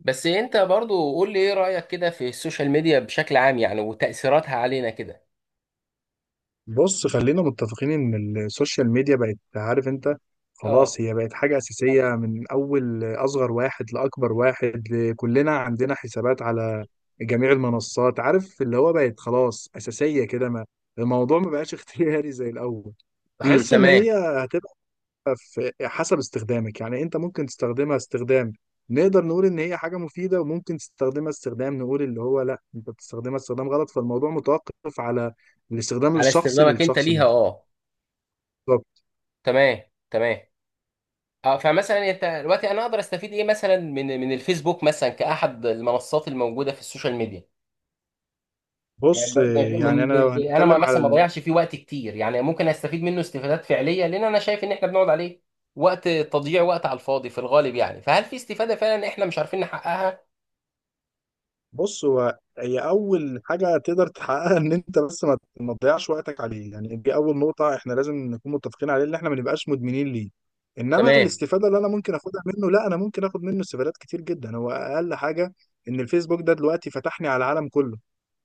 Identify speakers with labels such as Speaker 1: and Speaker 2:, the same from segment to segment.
Speaker 1: بس انت برضو قول لي ايه رأيك كده في السوشيال ميديا بشكل عام يعني وتأثيراتها علينا كده.
Speaker 2: بص، خلينا متفقين ان السوشيال ميديا بقت، عارف انت،
Speaker 1: اه.
Speaker 2: خلاص هي بقت حاجة أساسية من أول أصغر واحد لأكبر واحد. كلنا عندنا حسابات على جميع المنصات، عارف اللي هو بقت خلاص أساسية كده. ما الموضوع ما بقاش اختياري زي الأول. بحس إن
Speaker 1: تمام.
Speaker 2: هي هتبقى في، حسب استخدامك يعني. انت ممكن تستخدمها استخدام، نقدر نقول ان هي حاجة مفيدة، وممكن تستخدمها استخدام نقول اللي هو لا انت بتستخدمها استخدام غلط، فالموضوع متوقف على الاستخدام
Speaker 1: على
Speaker 2: الشخصي
Speaker 1: استخدامك انت
Speaker 2: للشخص
Speaker 1: ليها،
Speaker 2: ده.
Speaker 1: اه.
Speaker 2: طب
Speaker 1: تمام تمام. اه، فمثلا انت دلوقتي انا اقدر استفيد ايه مثلا من الفيسبوك مثلا كأحد المنصات الموجودة في السوشيال ميديا.
Speaker 2: بص، يعني انا لو
Speaker 1: انا
Speaker 2: هنتكلم على،
Speaker 1: مثلا ما بضيعش فيه وقت كتير يعني، ممكن استفيد منه استفادات فعلية، لان انا شايف ان احنا بنقعد عليه تضييع وقت على الفاضي في الغالب يعني، فهل في استفادة فعلا احنا مش عارفين نحققها؟
Speaker 2: بص هو هي اول حاجه تقدر تحققها ان انت بس ما تضيعش وقتك عليه، يعني دي اول نقطه احنا لازم نكون متفقين عليه ان احنا ما نبقاش مدمنين ليه. انما
Speaker 1: تمام.
Speaker 2: الاستفاده اللي انا ممكن اخدها منه، لا انا ممكن اخد منه استفادات كتير جدا. هو اقل حاجه ان الفيسبوك ده دلوقتي فتحني على العالم كله.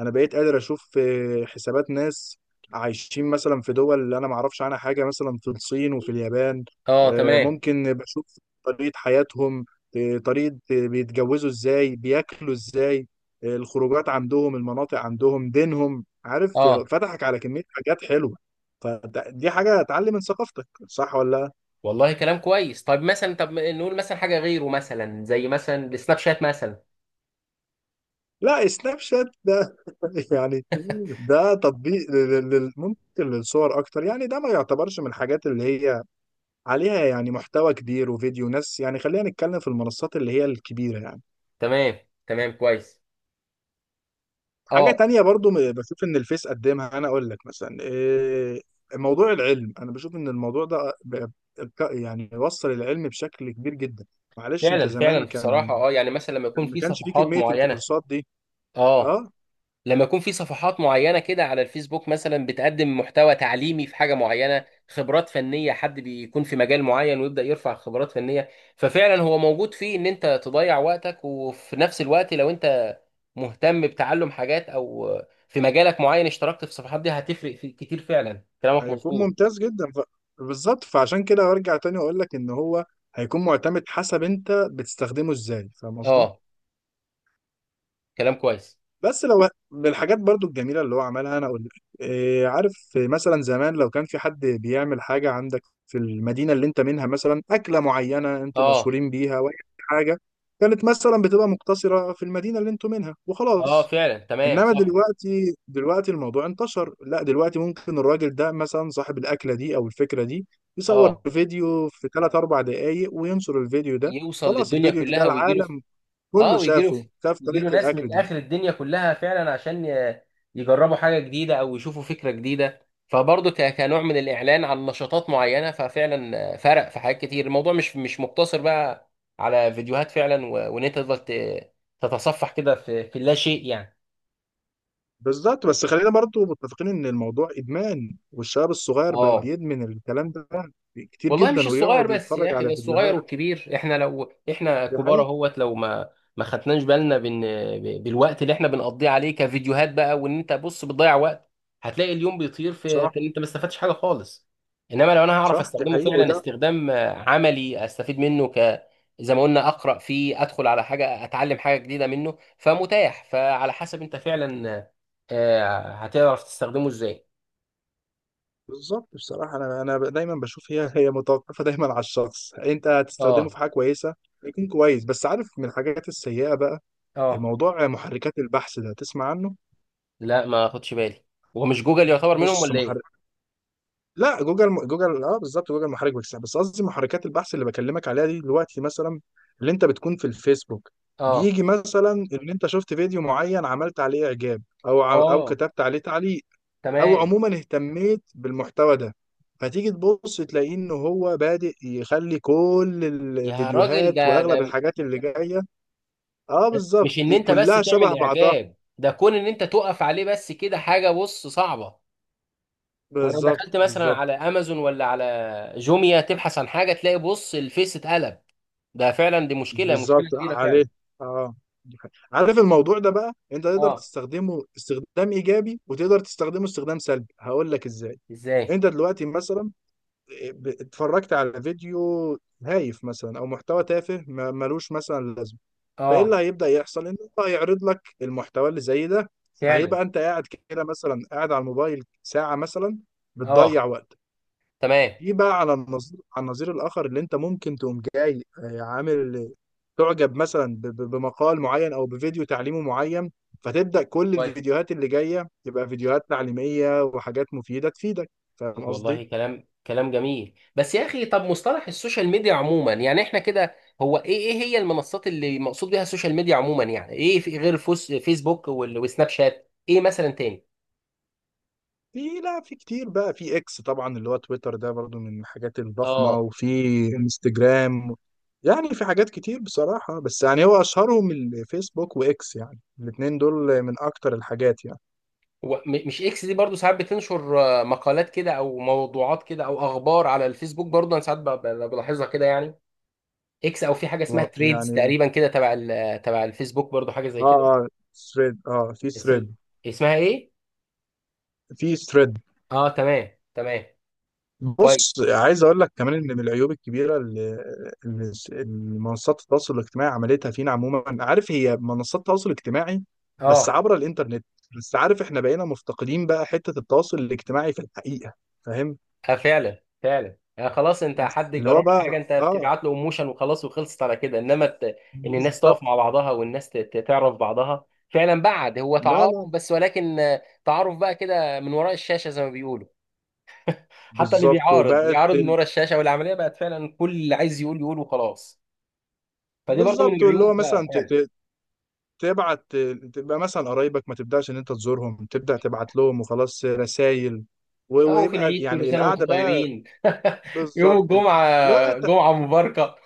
Speaker 2: انا بقيت قادر اشوف حسابات ناس عايشين مثلا في دول انا ما اعرفش عنها حاجه، مثلا في الصين وفي اليابان.
Speaker 1: اه. تمام.
Speaker 2: ممكن بشوف طريقه حياتهم، آه، طريقه آه، بيتجوزوا ازاي، بياكلوا ازاي، الخروجات عندهم، المناطق عندهم، دينهم، عارف،
Speaker 1: اه،
Speaker 2: فتحك على كمية حاجات حلوة. فدي حاجة اتعلم من ثقافتك، صح ولا؟
Speaker 1: والله كلام كويس. طيب مثلا، طب نقول مثلا حاجه غيره مثلا زي مثلا السناب شات مثلا.
Speaker 2: لا لا، سناب شات ده يعني ده تطبيق ممكن للصور اكتر، يعني ده ما يعتبرش من الحاجات اللي هي عليها يعني محتوى كبير وفيديو ناس. يعني خلينا نتكلم في المنصات اللي هي الكبيرة يعني.
Speaker 1: تمام تمام كويس.
Speaker 2: حاجة
Speaker 1: اه
Speaker 2: تانية برضو، بشوف إن الفيس قدمها، أنا أقول لك مثلا إيه؟ موضوع العلم. أنا بشوف إن الموضوع ده يعني وصل العلم بشكل كبير جدا. معلش أنت
Speaker 1: فعلا فعلا،
Speaker 2: زمان كان،
Speaker 1: بصراحه اه، يعني مثلا لما يكون
Speaker 2: ما
Speaker 1: في
Speaker 2: كانش فيه
Speaker 1: صفحات
Speaker 2: كمية
Speaker 1: معينه،
Speaker 2: الكورسات دي.
Speaker 1: اه.
Speaker 2: أه.
Speaker 1: لما يكون في صفحات معينة كده على الفيسبوك مثلا بتقدم محتوى تعليمي في حاجة معينة، خبرات فنية، حد بيكون في مجال معين ويبدأ يرفع خبرات فنية. ففعلا هو موجود فيه ان انت تضيع وقتك، وفي نفس الوقت لو انت مهتم بتعلم حاجات او في مجالك معين اشتركت في الصفحات دي هتفرق في كتير، فعلا كلامك
Speaker 2: هيكون
Speaker 1: مظبوط.
Speaker 2: ممتاز جدا بالظبط. فعشان كده أرجع تاني وأقول لك إن هو هيكون معتمد حسب أنت بتستخدمه إزاي. فاهم قصدي؟
Speaker 1: اه، كلام كويس.
Speaker 2: بس لو من الحاجات برضو الجميلة اللي هو عملها، أنا أقول لك إيه، عارف، مثلا زمان لو كان في حد بيعمل حاجة عندك في المدينة اللي أنت منها، مثلا أكلة معينة أنتوا
Speaker 1: اه.
Speaker 2: مشهورين بيها، وأي حاجة كانت مثلا بتبقى مقتصرة في المدينة اللي أنتوا منها
Speaker 1: اه
Speaker 2: وخلاص.
Speaker 1: فعلا تمام
Speaker 2: إنما
Speaker 1: صح.
Speaker 2: دلوقتي، الموضوع انتشر. لا دلوقتي ممكن الراجل ده مثلا، صاحب الأكلة دي أو الفكرة دي، يصور
Speaker 1: اه،
Speaker 2: فيديو في 3 4 دقايق وينشر الفيديو ده.
Speaker 1: يوصل
Speaker 2: خلاص
Speaker 1: للدنيا
Speaker 2: الفيديو ده
Speaker 1: كلها ويجيله.
Speaker 2: العالم
Speaker 1: اه،
Speaker 2: كله
Speaker 1: ويجي له،
Speaker 2: شافه، شاف
Speaker 1: يجي له
Speaker 2: طريقة
Speaker 1: ناس من
Speaker 2: الأكل دي.
Speaker 1: اخر الدنيا كلها فعلا عشان يجربوا حاجه جديده او يشوفوا فكره جديده، فبرضه كنوع من الاعلان عن نشاطات معينه، ففعلا فرق في حاجات كتير. الموضوع مش مقتصر بقى على فيديوهات فعلا، وان انت تفضل تتصفح كده في اللا شيء يعني.
Speaker 2: بالظبط. بس خلينا برضو متفقين ان الموضوع ادمان. والشباب الصغير بقى
Speaker 1: اه،
Speaker 2: بيدمن الكلام ده كتير
Speaker 1: والله مش
Speaker 2: جدا،
Speaker 1: الصغير
Speaker 2: ويقعد
Speaker 1: بس يا
Speaker 2: يتفرج
Speaker 1: اخي، ده
Speaker 2: على
Speaker 1: الصغير
Speaker 2: فيديوهات.
Speaker 1: والكبير، احنا لو احنا
Speaker 2: دي
Speaker 1: كبار
Speaker 2: حقيقة.
Speaker 1: اهوت لو ما خدناش بالنا بالوقت اللي احنا بنقضيه عليه كفيديوهات بقى، وان انت بص بتضيع وقت، هتلاقي اليوم بيطير في
Speaker 2: صح
Speaker 1: في ان انت ما استفدتش حاجه خالص. انما لو انا هعرف
Speaker 2: صح. دي
Speaker 1: استخدمه
Speaker 2: حقيقة.
Speaker 1: فعلا
Speaker 2: وده
Speaker 1: استخدام عملي استفيد منه، ك، زي ما قلنا، اقرا فيه، ادخل على حاجه، اتعلم حاجه جديده منه، فمتاح فعلى حسب انت فعلا، هتعرف تستخدمه ازاي.
Speaker 2: بالظبط. بصراحة انا دايما بشوف هي متوقفة دايما على الشخص. انت هتستخدمه
Speaker 1: اه.
Speaker 2: في حاجة كويسة يكون كويس. بس عارف من الحاجات السيئة بقى
Speaker 1: اه،
Speaker 2: موضوع محركات البحث ده، تسمع عنه؟
Speaker 1: لا ما اخدش بالي. هو مش جوجل يعتبر منهم
Speaker 2: بص
Speaker 1: ولا ايه؟
Speaker 2: محرك، لا جوجل. جوجل اه بالظبط، جوجل محرك بحث. بس قصدي محركات البحث اللي بكلمك عليها دي، دلوقتي مثلا اللي انت بتكون في الفيسبوك،
Speaker 1: اه.
Speaker 2: بيجي مثلا ان انت شفت فيديو معين، عملت عليه اعجاب، او
Speaker 1: اه
Speaker 2: كتبت عليه تعليق، او
Speaker 1: تمام.
Speaker 2: عموما اهتميت بالمحتوى ده، فتيجي تبص تلاقيه ان هو بادئ يخلي كل
Speaker 1: يا راجل
Speaker 2: الفيديوهات
Speaker 1: ده
Speaker 2: واغلب
Speaker 1: ده
Speaker 2: الحاجات اللي جايه اه
Speaker 1: ده
Speaker 2: بالظبط
Speaker 1: مش ان انت بس
Speaker 2: كلها شبه
Speaker 1: تعمل
Speaker 2: بعضها.
Speaker 1: اعجاب، ده كون ان انت تقف عليه بس كده حاجه بص صعبه. ولو
Speaker 2: بالظبط
Speaker 1: دخلت مثلا
Speaker 2: بالظبط
Speaker 1: على امازون ولا على جوميا تبحث عن حاجه، تلاقي بص الفيس اتقلب. ده فعلا، دي
Speaker 2: بالظبط
Speaker 1: مشكله كبيره
Speaker 2: عليه
Speaker 1: فعلا.
Speaker 2: اه. دي حقيقة. عارف الموضوع ده بقى انت تقدر
Speaker 1: اه.
Speaker 2: تستخدمه استخدام ايجابي، وتقدر تستخدمه استخدام سلبي. هقول لك ازاي.
Speaker 1: ازاي؟
Speaker 2: انت دلوقتي مثلا اتفرجت على فيديو هايف مثلا، او محتوى تافه ملوش مثلا لازمه. فايه
Speaker 1: اه.
Speaker 2: اللي هيبدا يحصل؟ ان هو هيعرض لك المحتوى اللي زي ده.
Speaker 1: فعلا.
Speaker 2: فهيبقى انت قاعد كده مثلا، قاعد على الموبايل ساعه مثلا بتضيع
Speaker 1: اه
Speaker 2: وقت.
Speaker 1: تمام،
Speaker 2: في بقى على النظير، على النظير الاخر اللي انت ممكن تقوم جاي، عامل تعجب مثلا بمقال معين او بفيديو تعليمي معين، فتبدا كل الفيديوهات اللي جايه تبقى فيديوهات تعليميه وحاجات مفيده تفيدك. فاهم
Speaker 1: والله
Speaker 2: قصدي؟
Speaker 1: كلام جميل. بس يا اخي، طب مصطلح السوشيال ميديا عموما يعني احنا كده، هو ايه، ايه هي المنصات اللي مقصود بيها السوشيال ميديا عموما؟ يعني ايه في غير فيسبوك وسناب شات؟ ايه مثلا تاني؟
Speaker 2: في، لا في كتير بقى. في اكس طبعا، اللي هو تويتر، ده برضو من الحاجات الضخمه.
Speaker 1: اه.
Speaker 2: وفي انستجرام. يعني في حاجات كتير بصراحه، بس يعني هو اشهرهم الفيسبوك واكس. يعني الاثنين دول من اكتر الحاجات يعني.
Speaker 1: هو مش اكس دي برضو ساعات بتنشر مقالات كده او موضوعات كده او اخبار على الفيسبوك برضو؟ انا ساعات بلاحظها كده يعني. اكس، او في حاجه اسمها تريدز
Speaker 2: يعني
Speaker 1: تقريبا كده تبع تبع الفيسبوك برضو، حاجه زي
Speaker 2: اه
Speaker 1: كده.
Speaker 2: اه ثريد. اه في
Speaker 1: الثريد-
Speaker 2: ثريد.
Speaker 1: اسمها ايه؟
Speaker 2: في ثريد.
Speaker 1: اه تمام تمام كويس.
Speaker 2: بص عايز اقول لك كمان ان من العيوب الكبيره، اللي منصات التواصل الاجتماعي عملتها فينا عموما، عارف، هي منصات التواصل الاجتماعي بس
Speaker 1: اه،
Speaker 2: عبر الانترنت. بس عارف احنا بقينا مفتقدين بقى حته التواصل الاجتماعي في الحقيقه. فاهم
Speaker 1: فعلا فعلا، يعني خلاص انت حد
Speaker 2: اللي
Speaker 1: جرب
Speaker 2: هو بقى
Speaker 1: حاجه، انت
Speaker 2: اه
Speaker 1: بتبعت له ايموشن وخلاص وخلصت على كده، انما ان الناس
Speaker 2: بالظبط.
Speaker 1: تقف مع بعضها، والناس تعرف بعضها فعلا، بعد هو
Speaker 2: لا
Speaker 1: تعارف
Speaker 2: لا
Speaker 1: بس، ولكن تعارف بقى كده من وراء الشاشه زي ما بيقولوا. حتى اللي
Speaker 2: بالظبط.
Speaker 1: بيعارض
Speaker 2: وبقت
Speaker 1: بيعارض من وراء الشاشه، والعمليه بقت فعلا كل اللي عايز يقول يقول وخلاص. فدي برضو من
Speaker 2: بالظبط. اللي هو
Speaker 1: العيوب بقى
Speaker 2: مثلا
Speaker 1: فعلا.
Speaker 2: تبعت، تبقى مثلا قرايبك ما تبداش ان انت تزورهم، تبدا تبعت لهم وخلاص رسائل.
Speaker 1: او في
Speaker 2: ويبقى
Speaker 1: العيد، كل
Speaker 2: يعني
Speaker 1: سنه وانتم
Speaker 2: القعده بقى
Speaker 1: طيبين، يوم
Speaker 2: بالظبط. لا
Speaker 1: الجمعه جمعه مباركه،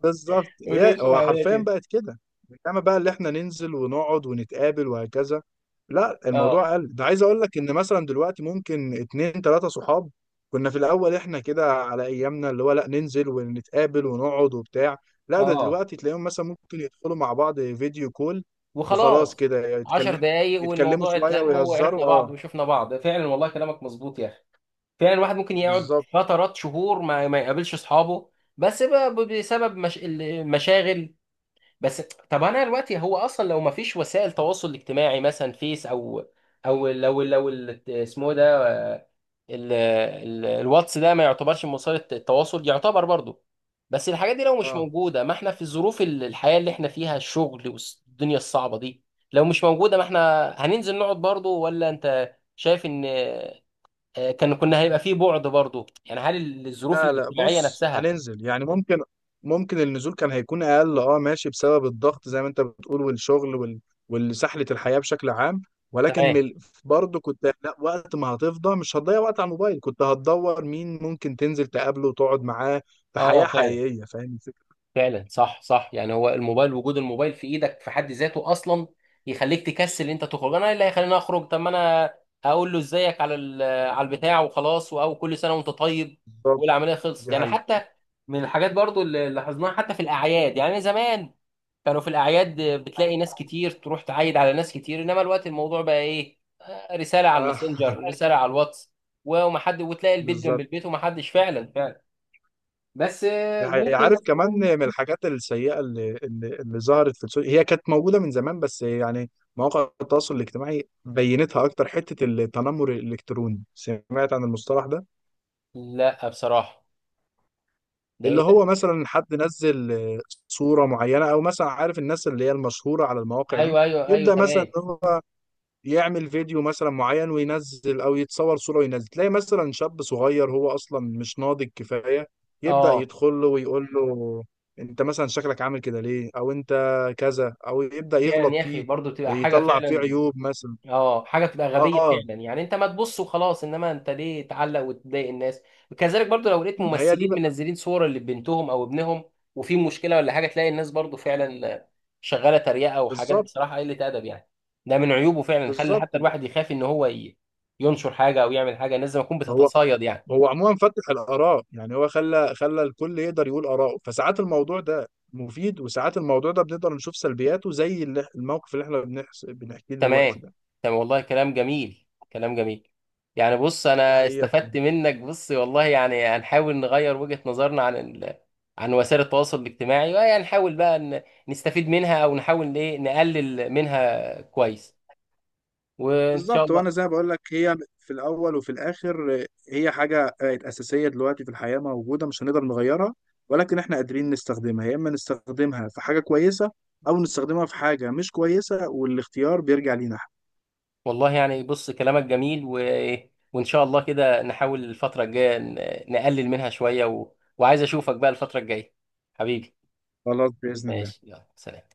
Speaker 2: بالظبط. هي
Speaker 1: وتمشي
Speaker 2: هو
Speaker 1: العمليه
Speaker 2: حرفيا
Speaker 1: كده.
Speaker 2: بقت كده. انما بقى اللي احنا ننزل ونقعد ونتقابل وهكذا، لا
Speaker 1: اه.
Speaker 2: الموضوع قل. ده عايز اقول لك ان مثلا دلوقتي ممكن اتنين تلاتة صحاب كنا في الاول احنا كده على ايامنا اللي هو، لا ننزل ونتقابل ونقعد وبتاع. لا ده
Speaker 1: اه،
Speaker 2: دلوقتي تلاقيهم مثلا ممكن يدخلوا مع بعض فيديو كول وخلاص
Speaker 1: وخلاص،
Speaker 2: كده،
Speaker 1: عشر
Speaker 2: يتكلم،
Speaker 1: دقايق
Speaker 2: يتكلموا
Speaker 1: والموضوع
Speaker 2: شوية
Speaker 1: اتلم وعرفنا
Speaker 2: ويهزروا اه
Speaker 1: بعض وشفنا بعض، فعلا والله كلامك مظبوط يا اخي. فعلا الواحد ممكن يقعد
Speaker 2: بالظبط
Speaker 1: فترات شهور ما يقابلش اصحابه، بس بقى بسبب مش... المشاغل بس. طب انا دلوقتي، هو اصلا لو ما فيش وسائل تواصل اجتماعي مثلا فيس او، او لو اسمه إيه ده، آه، الواتس ده ما يعتبرش من وسائل التواصل؟ يعتبر برضه. بس الحاجات دي لو مش
Speaker 2: اه.
Speaker 1: موجوده، ما احنا في ظروف الحياه اللي احنا فيها، الشغل والدنيا الصعبه دي، لو مش موجوده ما احنا هننزل نقعد برضه، ولا انت شايف ان كان كنا هيبقى فيه بعد برضه يعني؟ هل الظروف
Speaker 2: لا لا
Speaker 1: الاجتماعيه
Speaker 2: بص،
Speaker 1: نفسها؟
Speaker 2: هننزل يعني ممكن، النزول كان هيكون اقل اه ماشي بسبب الضغط زي ما انت بتقول والشغل والسحلة الحياة بشكل عام. ولكن
Speaker 1: تمام.
Speaker 2: برضه كنت، لا وقت ما هتفضى مش هتضيع وقت على الموبايل، كنت هتدور مين ممكن تنزل تقابله وتقعد معاه في حياة
Speaker 1: اه فعلا.
Speaker 2: حقيقية. فاهم الفكرة؟
Speaker 1: فعلا صح صح، يعني هو الموبايل، وجود الموبايل في ايدك في حد ذاته اصلا يخليك تكسل ان انت تخرج. انا إيه اللي هيخليني اخرج؟ طب ما انا هقول له ازيك على على البتاع وخلاص، او كل سنه وانت طيب،
Speaker 2: بالظبط.
Speaker 1: والعمليه خلصت
Speaker 2: دي
Speaker 1: يعني.
Speaker 2: حقيقة.
Speaker 1: حتى من الحاجات برضو اللي لاحظناها حتى في الاعياد، يعني زمان كانوا في الاعياد بتلاقي ناس كتير تروح تعايد على ناس كتير، انما الوقت الموضوع بقى ايه، رساله على
Speaker 2: آه،
Speaker 1: الماسنجر، رساله على الواتس، ومحد، وتلاقي البيت جنب
Speaker 2: بالظبط.
Speaker 1: البيت ومحدش، فعلا فعلا. بس
Speaker 2: دي حقيقة. عارف
Speaker 1: ممكن.
Speaker 2: كمان من الحاجات السيئة اللي ظهرت في السوشيال، هي كانت موجودة من زمان بس يعني مواقع التواصل الاجتماعي بينتها أكتر. حتة التنمر الإلكتروني، سمعت عن المصطلح ده؟
Speaker 1: لا بصراحه، ده ايه
Speaker 2: اللي
Speaker 1: ده؟
Speaker 2: هو مثلا حد نزل صورة معينة، أو مثلا عارف الناس اللي هي المشهورة على المواقع دي،
Speaker 1: ايوه ايوه ايوه
Speaker 2: يبدأ مثلا
Speaker 1: تمام.
Speaker 2: إن هو يعمل فيديو مثلا معين وينزل، او يتصور صورة وينزل، تلاقي مثلا شاب صغير هو اصلا مش ناضج كفاية يبدأ
Speaker 1: اه
Speaker 2: يدخل له ويقول له انت مثلا شكلك عامل كده ليه، او انت كذا، او يبدأ
Speaker 1: فعلا
Speaker 2: يغلط
Speaker 1: يا اخي،
Speaker 2: فيه،
Speaker 1: برضو بتبقى حاجه
Speaker 2: يطلع فيه
Speaker 1: فعلا.
Speaker 2: عيوب مثلا.
Speaker 1: اه، حاجه بتبقى غبيه
Speaker 2: اه
Speaker 1: فعلا يعني، انت ما تبص وخلاص، انما انت ليه تعلق وتضايق الناس؟ وكذلك برضو لو لقيت
Speaker 2: ما هي دي
Speaker 1: ممثلين
Speaker 2: بقى-
Speaker 1: منزلين صور لبنتهم او ابنهم وفي مشكله ولا حاجه، تلاقي الناس برضو فعلا شغاله تريقه وحاجات،
Speaker 2: بالظبط.
Speaker 1: بصراحه قله ادب يعني. ده من عيوبه فعلا، خلي
Speaker 2: بالظبط
Speaker 1: حتى الواحد يخاف ان هو ينشر حاجه او يعمل حاجه، الناس زي ما تكون
Speaker 2: هو،
Speaker 1: بتتصايد يعني.
Speaker 2: عموما فتح الآراء يعني، هو خلى الكل يقدر يقول آراءه، فساعات الموضوع ده مفيد، وساعات الموضوع ده بنقدر نشوف سلبياته زي الموقف اللي احنا بنحكيه دلوقتي
Speaker 1: تمام.
Speaker 2: ده.
Speaker 1: تمام والله كلام جميل. يعني بص
Speaker 2: دي
Speaker 1: انا
Speaker 2: حقيقة.
Speaker 1: استفدت منك بص والله، يعني هنحاول نغير وجهة نظرنا عن عن وسائل التواصل الاجتماعي، ويعني نحاول بقى نستفيد منها، او نحاول ايه نقلل منها كويس، وان شاء
Speaker 2: بالظبط.
Speaker 1: الله.
Speaker 2: وانا زي ما بقول لك، هي في الاول وفي الاخر هي حاجه بقت اساسيه دلوقتي في الحياه موجوده مش هنقدر نغيرها. ولكن احنا قادرين نستخدمها يا اما نستخدمها في حاجه كويسه، او نستخدمها في حاجه مش كويسه، والاختيار بيرجع لينا إحنا.
Speaker 1: والله يعني بص كلامك جميل وان شاء الله كده نحاول الفترة الجاية نقلل منها شوية وعايز اشوفك بقى الفترة الجاية حبيبي.
Speaker 2: خلاص باذن الله.
Speaker 1: ماشي، يلا سلام.